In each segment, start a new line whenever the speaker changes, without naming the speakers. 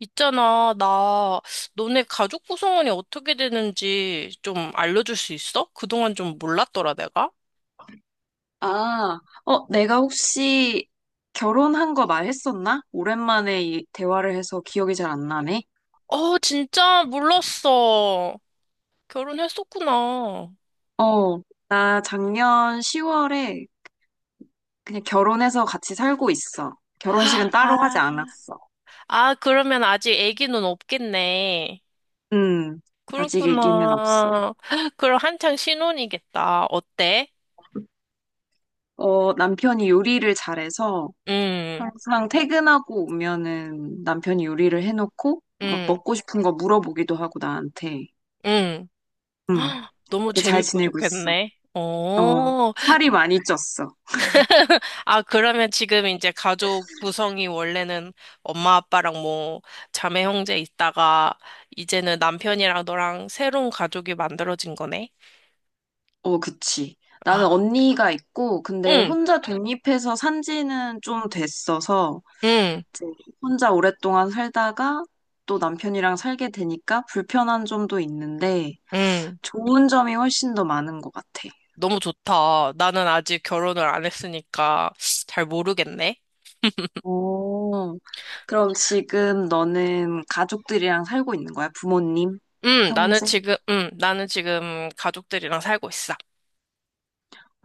있잖아, 나 너네 가족 구성원이 어떻게 되는지 좀 알려줄 수 있어? 그동안 좀 몰랐더라, 내가.
아, 내가 혹시 결혼한 거 말했었나? 오랜만에 이 대화를 해서 기억이 잘 안 나네.
어, 진짜 몰랐어. 결혼했었구나.
어, 나 작년 10월에 그냥 결혼해서 같이 살고 있어. 결혼식은 따로 하지
아,
않았어.
아, 그러면 아직 아기는 없겠네.
음, 아직 얘기는 없어.
그렇구나. 그럼 한창 신혼이겠다. 어때?
남편이 요리를 잘해서
응,
항상 퇴근하고 오면은 남편이 요리를 해놓고 막
응,
먹고 싶은 거 물어보기도 하고 나한테.
응.
음,
너무
근데 잘
재밌고
지내고 있어.
좋겠네.
어,
어,
살이 많이 쪘어.
아, 그러면 지금 이제 가족 구성이 원래는 엄마, 아빠랑 뭐 자매 형제 있다가 이제는 남편이랑 너랑 새로운 가족이 만들어진 거네?
어, 그치. 나는
아,
언니가 있고, 근데
응,
혼자 독립해서 산 지는 좀 됐어서,
응,
이제 혼자 오랫동안 살다가 또 남편이랑 살게 되니까 불편한 점도 있는데,
응.
좋은 점이 훨씬 더 많은 것 같아.
너무 좋다. 나는 아직 결혼을 안 했으니까 잘 모르겠네.
오, 그럼 지금 너는 가족들이랑 살고 있는 거야? 부모님?
응, 나는
형제?
지금, 응, 나는 지금 가족들이랑 살고 있어.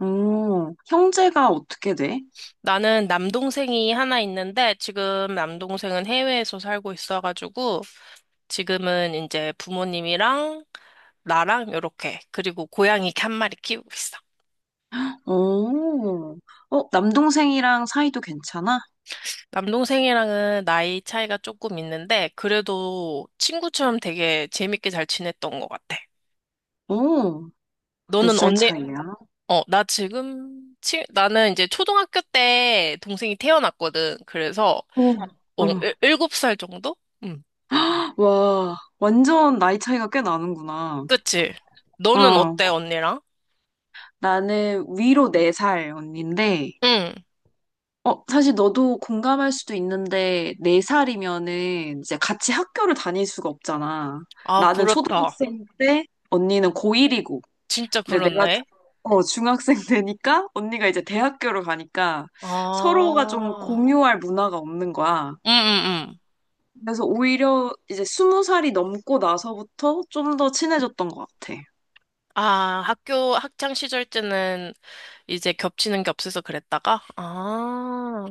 오, 형제가 어떻게 돼?
나는 남동생이 하나 있는데 지금 남동생은 해외에서 살고 있어가지고 지금은 이제 부모님이랑 나랑 요렇게 그리고 고양이 이렇게 한 마리 키우고 있어.
오, 남동생이랑 사이도 괜찮아?
남동생이랑은 나이 차이가 조금 있는데 그래도 친구처럼 되게 재밌게 잘 지냈던 것 같아.
오, 몇
너는
살
언니,
차이야?
어, 나 지금, 치, 나는 이제 초등학교 때 동생이 태어났거든. 그래서,
어,
어,
어.
일곱 살 정도? 응,
와, 완전 나이 차이가 꽤 나는구나.
그치. 너는
어,
어때, 언니랑?
나는 위로 4살 언니인데,
응.
사실 너도 공감할 수도 있는데, 4살이면은 이제 같이 학교를 다닐 수가 없잖아.
아,
나는
그렇다.
초등학생 때, 언니는 고1이고,
진짜
근데 내가
그렇네.
중학생 되니까, 언니가 이제 대학교를 가니까, 서로가 좀
아,
공유할 문화가 없는 거야.
응, 응, 응.
그래서 오히려 이제 20살이 넘고 나서부터 좀 더 친해졌던 것 같아.
아, 학교 학창 시절 때는 이제 겹치는 게 없어서 그랬다가? 아,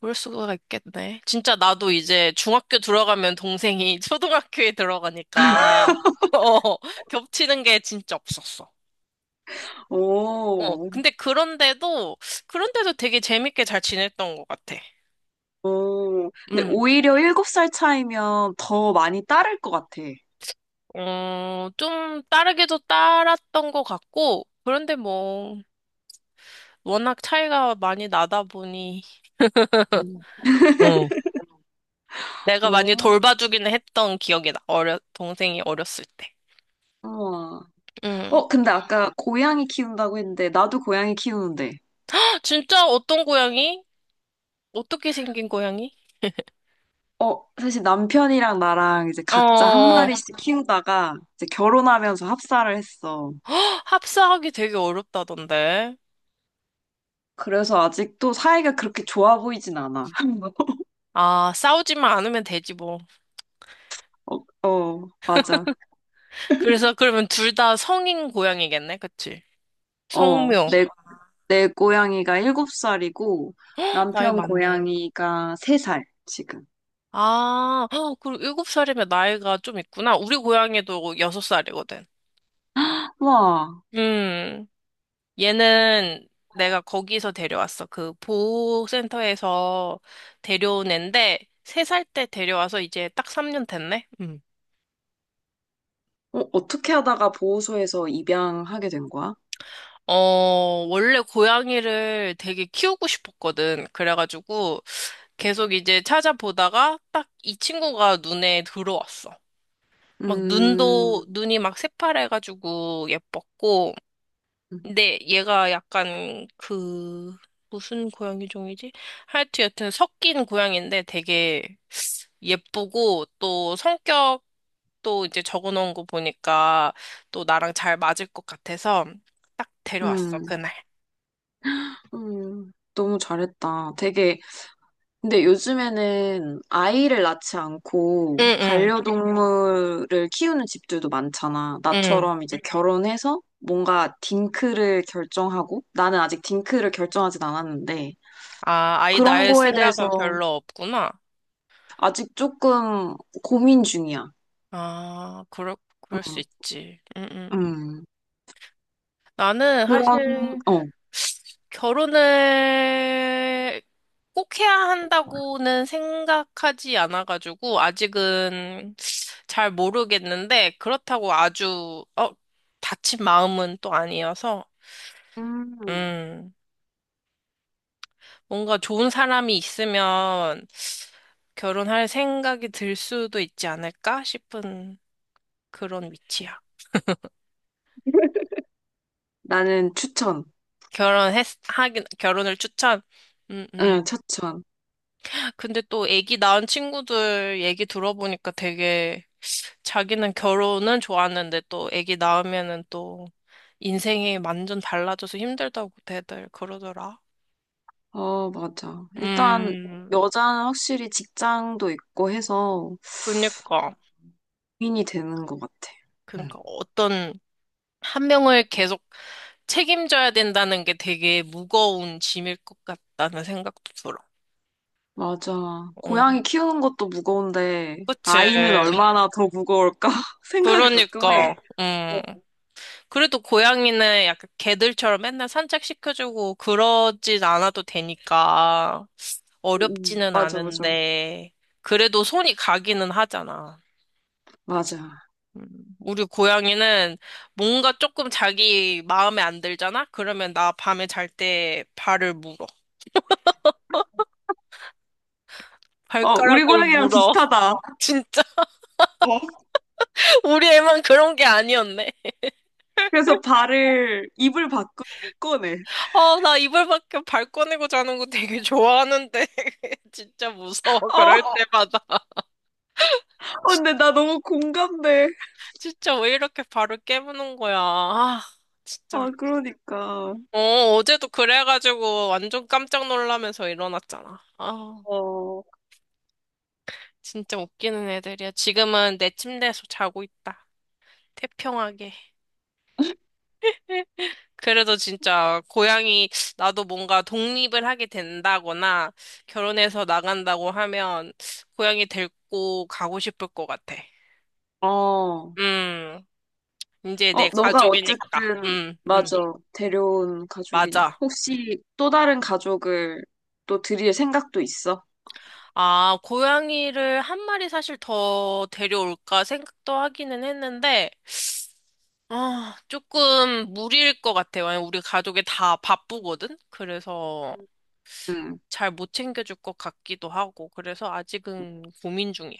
그럴 수가 있겠네. 진짜 나도 이제 중학교 들어가면 동생이 초등학교에 들어가니까, 어, 겹치는 게 진짜 없었어. 어,
오,
그런데도 되게 재밌게 잘 지냈던 것 같아.
오. 근데
음,
오히려 7살 차이면 더 많이 따를 것 같아.
어, 좀 따르게도 따랐던 것 같고, 그런데 뭐, 워낙 차이가 많이 나다 보니,
음.
어. 내가 많이
오,
돌봐주기는 했던 기억이 나. 동생이 어렸을 때.
우와.
음.
근데 아까 고양이 키운다고 했는데, 나도 고양이 키우는데,
진짜 어떤 고양이? 어떻게 생긴 고양이?
사실 남편이랑 나랑 이제 각자 한
어,
마리씩 키우다가 이제 결혼하면서 합사를 했어.
헉, 합사하기 되게 어렵다던데.
그래서 아직도 사이가 그렇게 좋아 보이진 않아.
아, 싸우지만 않으면 되지 뭐.
어, 어, 맞아.
그래서 그러면 둘 다 성인 고양이겠네, 그치?
어,
성묘.
내, 내 고양이가 7살이고
나이
남편
많네.
고양이가 3살, 지금.
아, 헉, 그리고 일곱 살이면 나이가 좀 있구나. 우리 고양이도 여섯 살이거든.
와,
음. 얘는 내가 거기서 데려왔어. 그 보호센터에서 데려온 앤데, 세 살 때 데려와서 이제 딱 3년 됐네? 음.
어떻게 하다가 보호소에서 입양하게 된 거야?
어, 원래 고양이를 되게 키우고 싶었거든. 그래가지고 계속 이제 찾아보다가 딱 이 친구가 눈에 들어왔어. 막
음,
눈이 막 새파래가지고 예뻤고, 근데 얘가 약간 그 무슨 고양이 종이지? 하여튼 여튼 섞인 고양인데 되게 예쁘고 또 성격도 이제 적어놓은 거 보니까 또 나랑 잘 맞을 것 같아서 딱 데려왔어
음,
그날.
너무 잘했다. 되게, 근데 요즘에는 아이를 낳지 않고
응응
반려동물을 키우는 집들도 많잖아.
응. 응.
나처럼 이제 결혼해서 뭔가 딩크를 결정하고, 나는 아직 딩크를 결정하진 않았는데,
아 아이
그런
낳을
거에
생각은
대해서
별로 없구나.
아직 조금 고민 중이야.
아 그럴 수
음,
있지. 응응.
음.
나는
그런,
사실
어.
결혼을 꼭 해야 한다고는 생각하지 않아가지고, 아직은 잘 모르겠는데, 그렇다고 아주, 어, 다친 마음은 또 아니어서,
음.
음, 뭔가 좋은 사람이 있으면 결혼할 생각이 들 수도 있지 않을까 싶은 그런 위치야.
나는 추천.
결혼을 추천. 음, 음.
응, 추천.
근데 또 애기 낳은 친구들 얘기 들어보니까 되게 자기는 결혼은 좋았는데 또 아기 낳으면은 또 인생이 완전 달라져서 힘들다고 대들 그러더라.
어, 맞아. 일단,
음,
여자는 확실히 직장도 있고 해서
그니까.
고민이 되는 것 같아.
그니까
응,
어떤 한 명을 계속 책임져야 된다는 게 되게 무거운 짐일 것 같다는 생각도 들어.
맞아. 고양이
음,
키우는 것도 무거운데,
그치.
아이는 얼마나 더 무거울까 생각을 가끔 해.
그러니까,
어,
그래도 고양이는 약간 개들처럼 맨날 산책시켜주고 그러진 않아도 되니까.
음,
어렵지는
맞아, 맞아.
않은데, 그래도 손이 가기는 하잖아.
맞아.
음, 우리 고양이는 뭔가 조금 자기 마음에 안 들잖아? 그러면 나 밤에 잘 때 발을 물어.
어, 우리
발가락을
고양이랑
물어.
비슷하다.
진짜, 우리 애만 그런 게 아니었네.
그래서 발을, 입을 밖으로 못 꺼내.
아, 나 이불 밖에 발 꺼내고 자는 거 되게 좋아하는데. 진짜 무서워, 그럴
어,
때마다.
근데 나 너무 공감돼.
진짜 왜 이렇게 발을 깨무는 거야. 아, 진짜.
아, 그러니까.
어, 어제도 그래가지고 완전 깜짝 놀라면서 일어났잖아. 아,
어.
진짜 웃기는 애들이야. 지금은 내 침대에서 자고 있다. 태평하게. 그래도 진짜 고양이 나도 뭔가 독립을 하게 된다거나 결혼해서 나간다고 하면 고양이 데리고 가고 싶을 것 같아.
어, 어,
음, 이제 내
너가
가족이니까.
어쨌든, 맞아, 데려온 가족이니.
맞아.
혹시 또 다른 가족을 또 드릴 생각도 있어?
아, 고양이를 한 마리 사실 더 데려올까 생각도 하기는 했는데 아, 조금 무리일 것 같아요. 왜냐면 우리 가족이 다 바쁘거든? 그래서
응.
잘 못 챙겨줄 것 같기도 하고, 그래서 아직은 고민 중이야.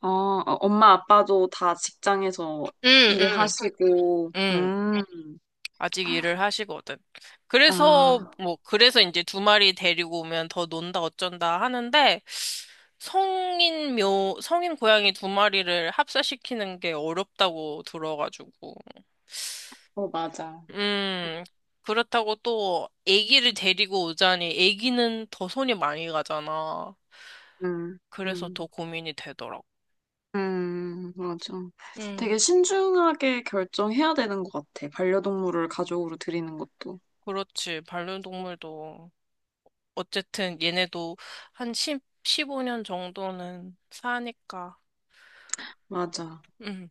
어, 어, 엄마, 아빠도 다 직장에서
응, 응,
일하시고.
응. 아직 일을 하시거든. 그래서,
아,
뭐, 그래서 이제 두 마리 데리고 오면 더 논다 어쩐다 하는데, 성인 묘, 성인 고양이 두 마리를 합사시키는 게 어렵다고 들어가지고.
맞아.
음, 그렇다고 또 아기를 데리고 오자니 아기는 더 손이 많이 가잖아.
음,
그래서 더
음,
고민이 되더라고.
맞아.
응,
되게 신중하게 결정해야 되는 것 같아. 반려동물을 가족으로 드리는 것도.
그렇지. 반려동물도 어쨌든 얘네도 한1 십오 5년 정도는 사니까.
맞아.
음.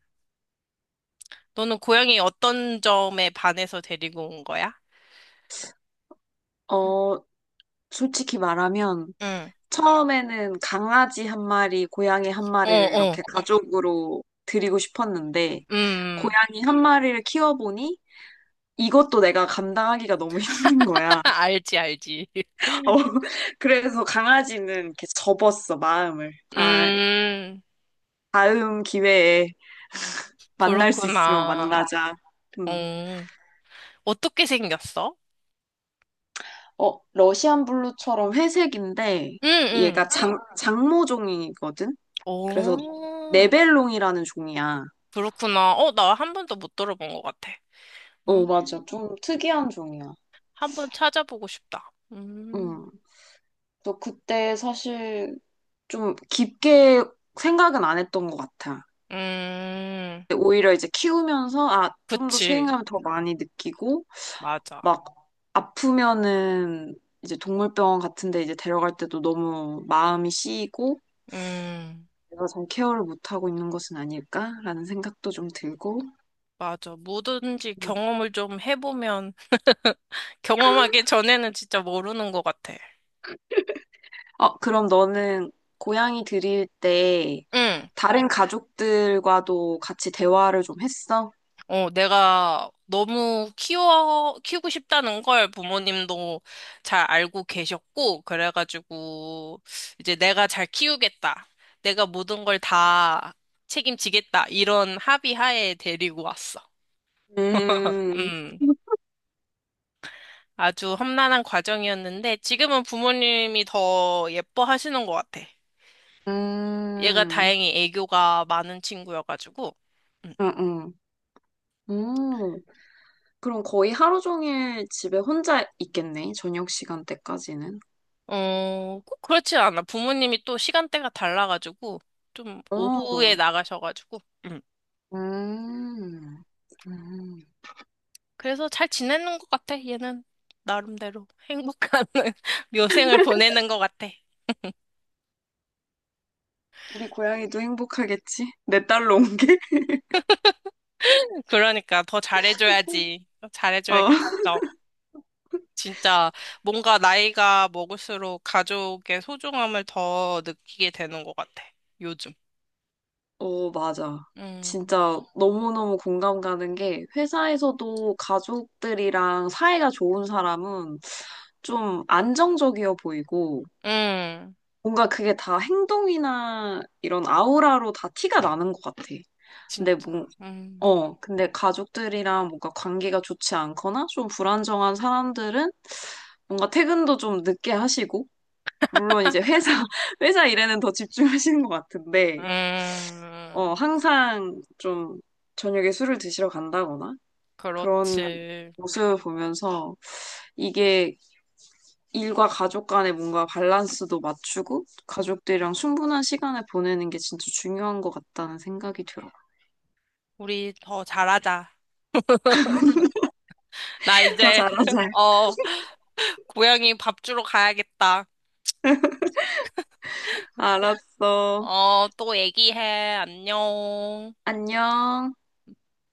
너는 고양이 어떤 점에 반해서 데리고 온 거야?
어, 솔직히 말하면,
응,
처음에는 강아지 한 마리, 고양이 한
어,
마리를 이렇게
어,
가족으로 드리고 싶었는데,
음.
고양이 한 마리를 키워보니 이것도 내가 감당하기가 너무 힘든 거야.
알지, 알지.
어, 그래서 강아지는 이렇게 접었어, 마음을. 아,
음.
다음 기회에 만날 수 있으면
그렇구나.
만나자. 음.
어. 어떻게 생겼어?
러시안 블루처럼 회색인데,
응,
얘가
응.
장모종이거든? 그래서
오,
네벨롱이라는 종이야.
그렇구나. 어, 나 한 번도 못 들어본 것 같아.
어,
음,
맞아. 좀 특이한 종이야.
한번 찾아보고 싶다.
응. 또 그때 사실 좀 깊게 생각은 안 했던 것 같아.
음,
근데 오히려 이제 키우면서, 아, 좀 더
그치.
책임감을 더 많이 느끼고,
맞아.
막 아프면은 이제 동물병원 같은 데 이제 데려갈 때도 너무 마음이 씌이고
음,
내가 잘 케어를 못하고 있는 것은 아닐까라는 생각도 좀 들고.
맞아. 뭐든지
음.
경험을 좀 해보면, 경험하기 전에는 진짜 모르는 것 같아.
그럼 너는 고양이 들일 때
응.
다른 가족들과도 같이 대화를 좀 했어?
어, 내가 너무 키우고 싶다는 걸 부모님도 잘 알고 계셨고, 그래가지고, 이제 내가 잘 키우겠다. 내가 모든 걸 다 책임지겠다. 이런 합의하에 데리고 왔어.
음.
음, 아주 험난한 과정이었는데, 지금은 부모님이 더 예뻐하시는 것 같아. 얘가
음,
다행히 애교가 많은 친구여가지고. 음.
응, 응. 음, 그럼 거의 하루 종일 집에 혼자 있겠네, 저녁 시간대까지는.
어, 꼭 그렇진 않아. 부모님이 또 시간대가 달라가지고, 좀 오후에
어,
나가셔가지고, 음.
음, 음.
그래서 잘 지내는 것 같아, 얘는. 나름대로 행복한 묘생을 보내는 것 같아.
우리 고양이도 행복하겠지? 내 딸로 온 게?
그러니까 더 잘해줘야지. 더
어,
잘해줘야겠어. 진짜 뭔가 나이가 먹을수록 가족의 소중함을 더 느끼게 되는 것 같아, 요즘.
어, 맞아.
음,
진짜 너무너무 공감 가는 게 회사에서도 가족들이랑 사이가 좋은 사람은 좀 안정적이어 보이고
음,
뭔가 그게 다 행동이나 이런 아우라로 다 티가 나는 것 같아. 근데
진짜.
뭐,
음,
근데 가족들이랑 뭔가 관계가 좋지 않거나 좀 불안정한 사람들은 뭔가 퇴근도 좀 늦게 하시고, 물론 이제 회사, 회사 일에는 더 집중하시는 것 같은데,
음,
항상 좀 저녁에 술을 드시러 간다거나 그런
그렇지.
모습을 보면서 이게 일과 가족 간의 뭔가 밸런스도 맞추고 가족들이랑 충분한 시간을 보내는 게 진짜 중요한 것 같다는 생각이 들어.
우리 더 잘하자. 나
더
이제,
잘하자.
어, 고양이 밥 주러 가야겠다.
알았어.
어, 또 얘기해. 안녕.
안녕.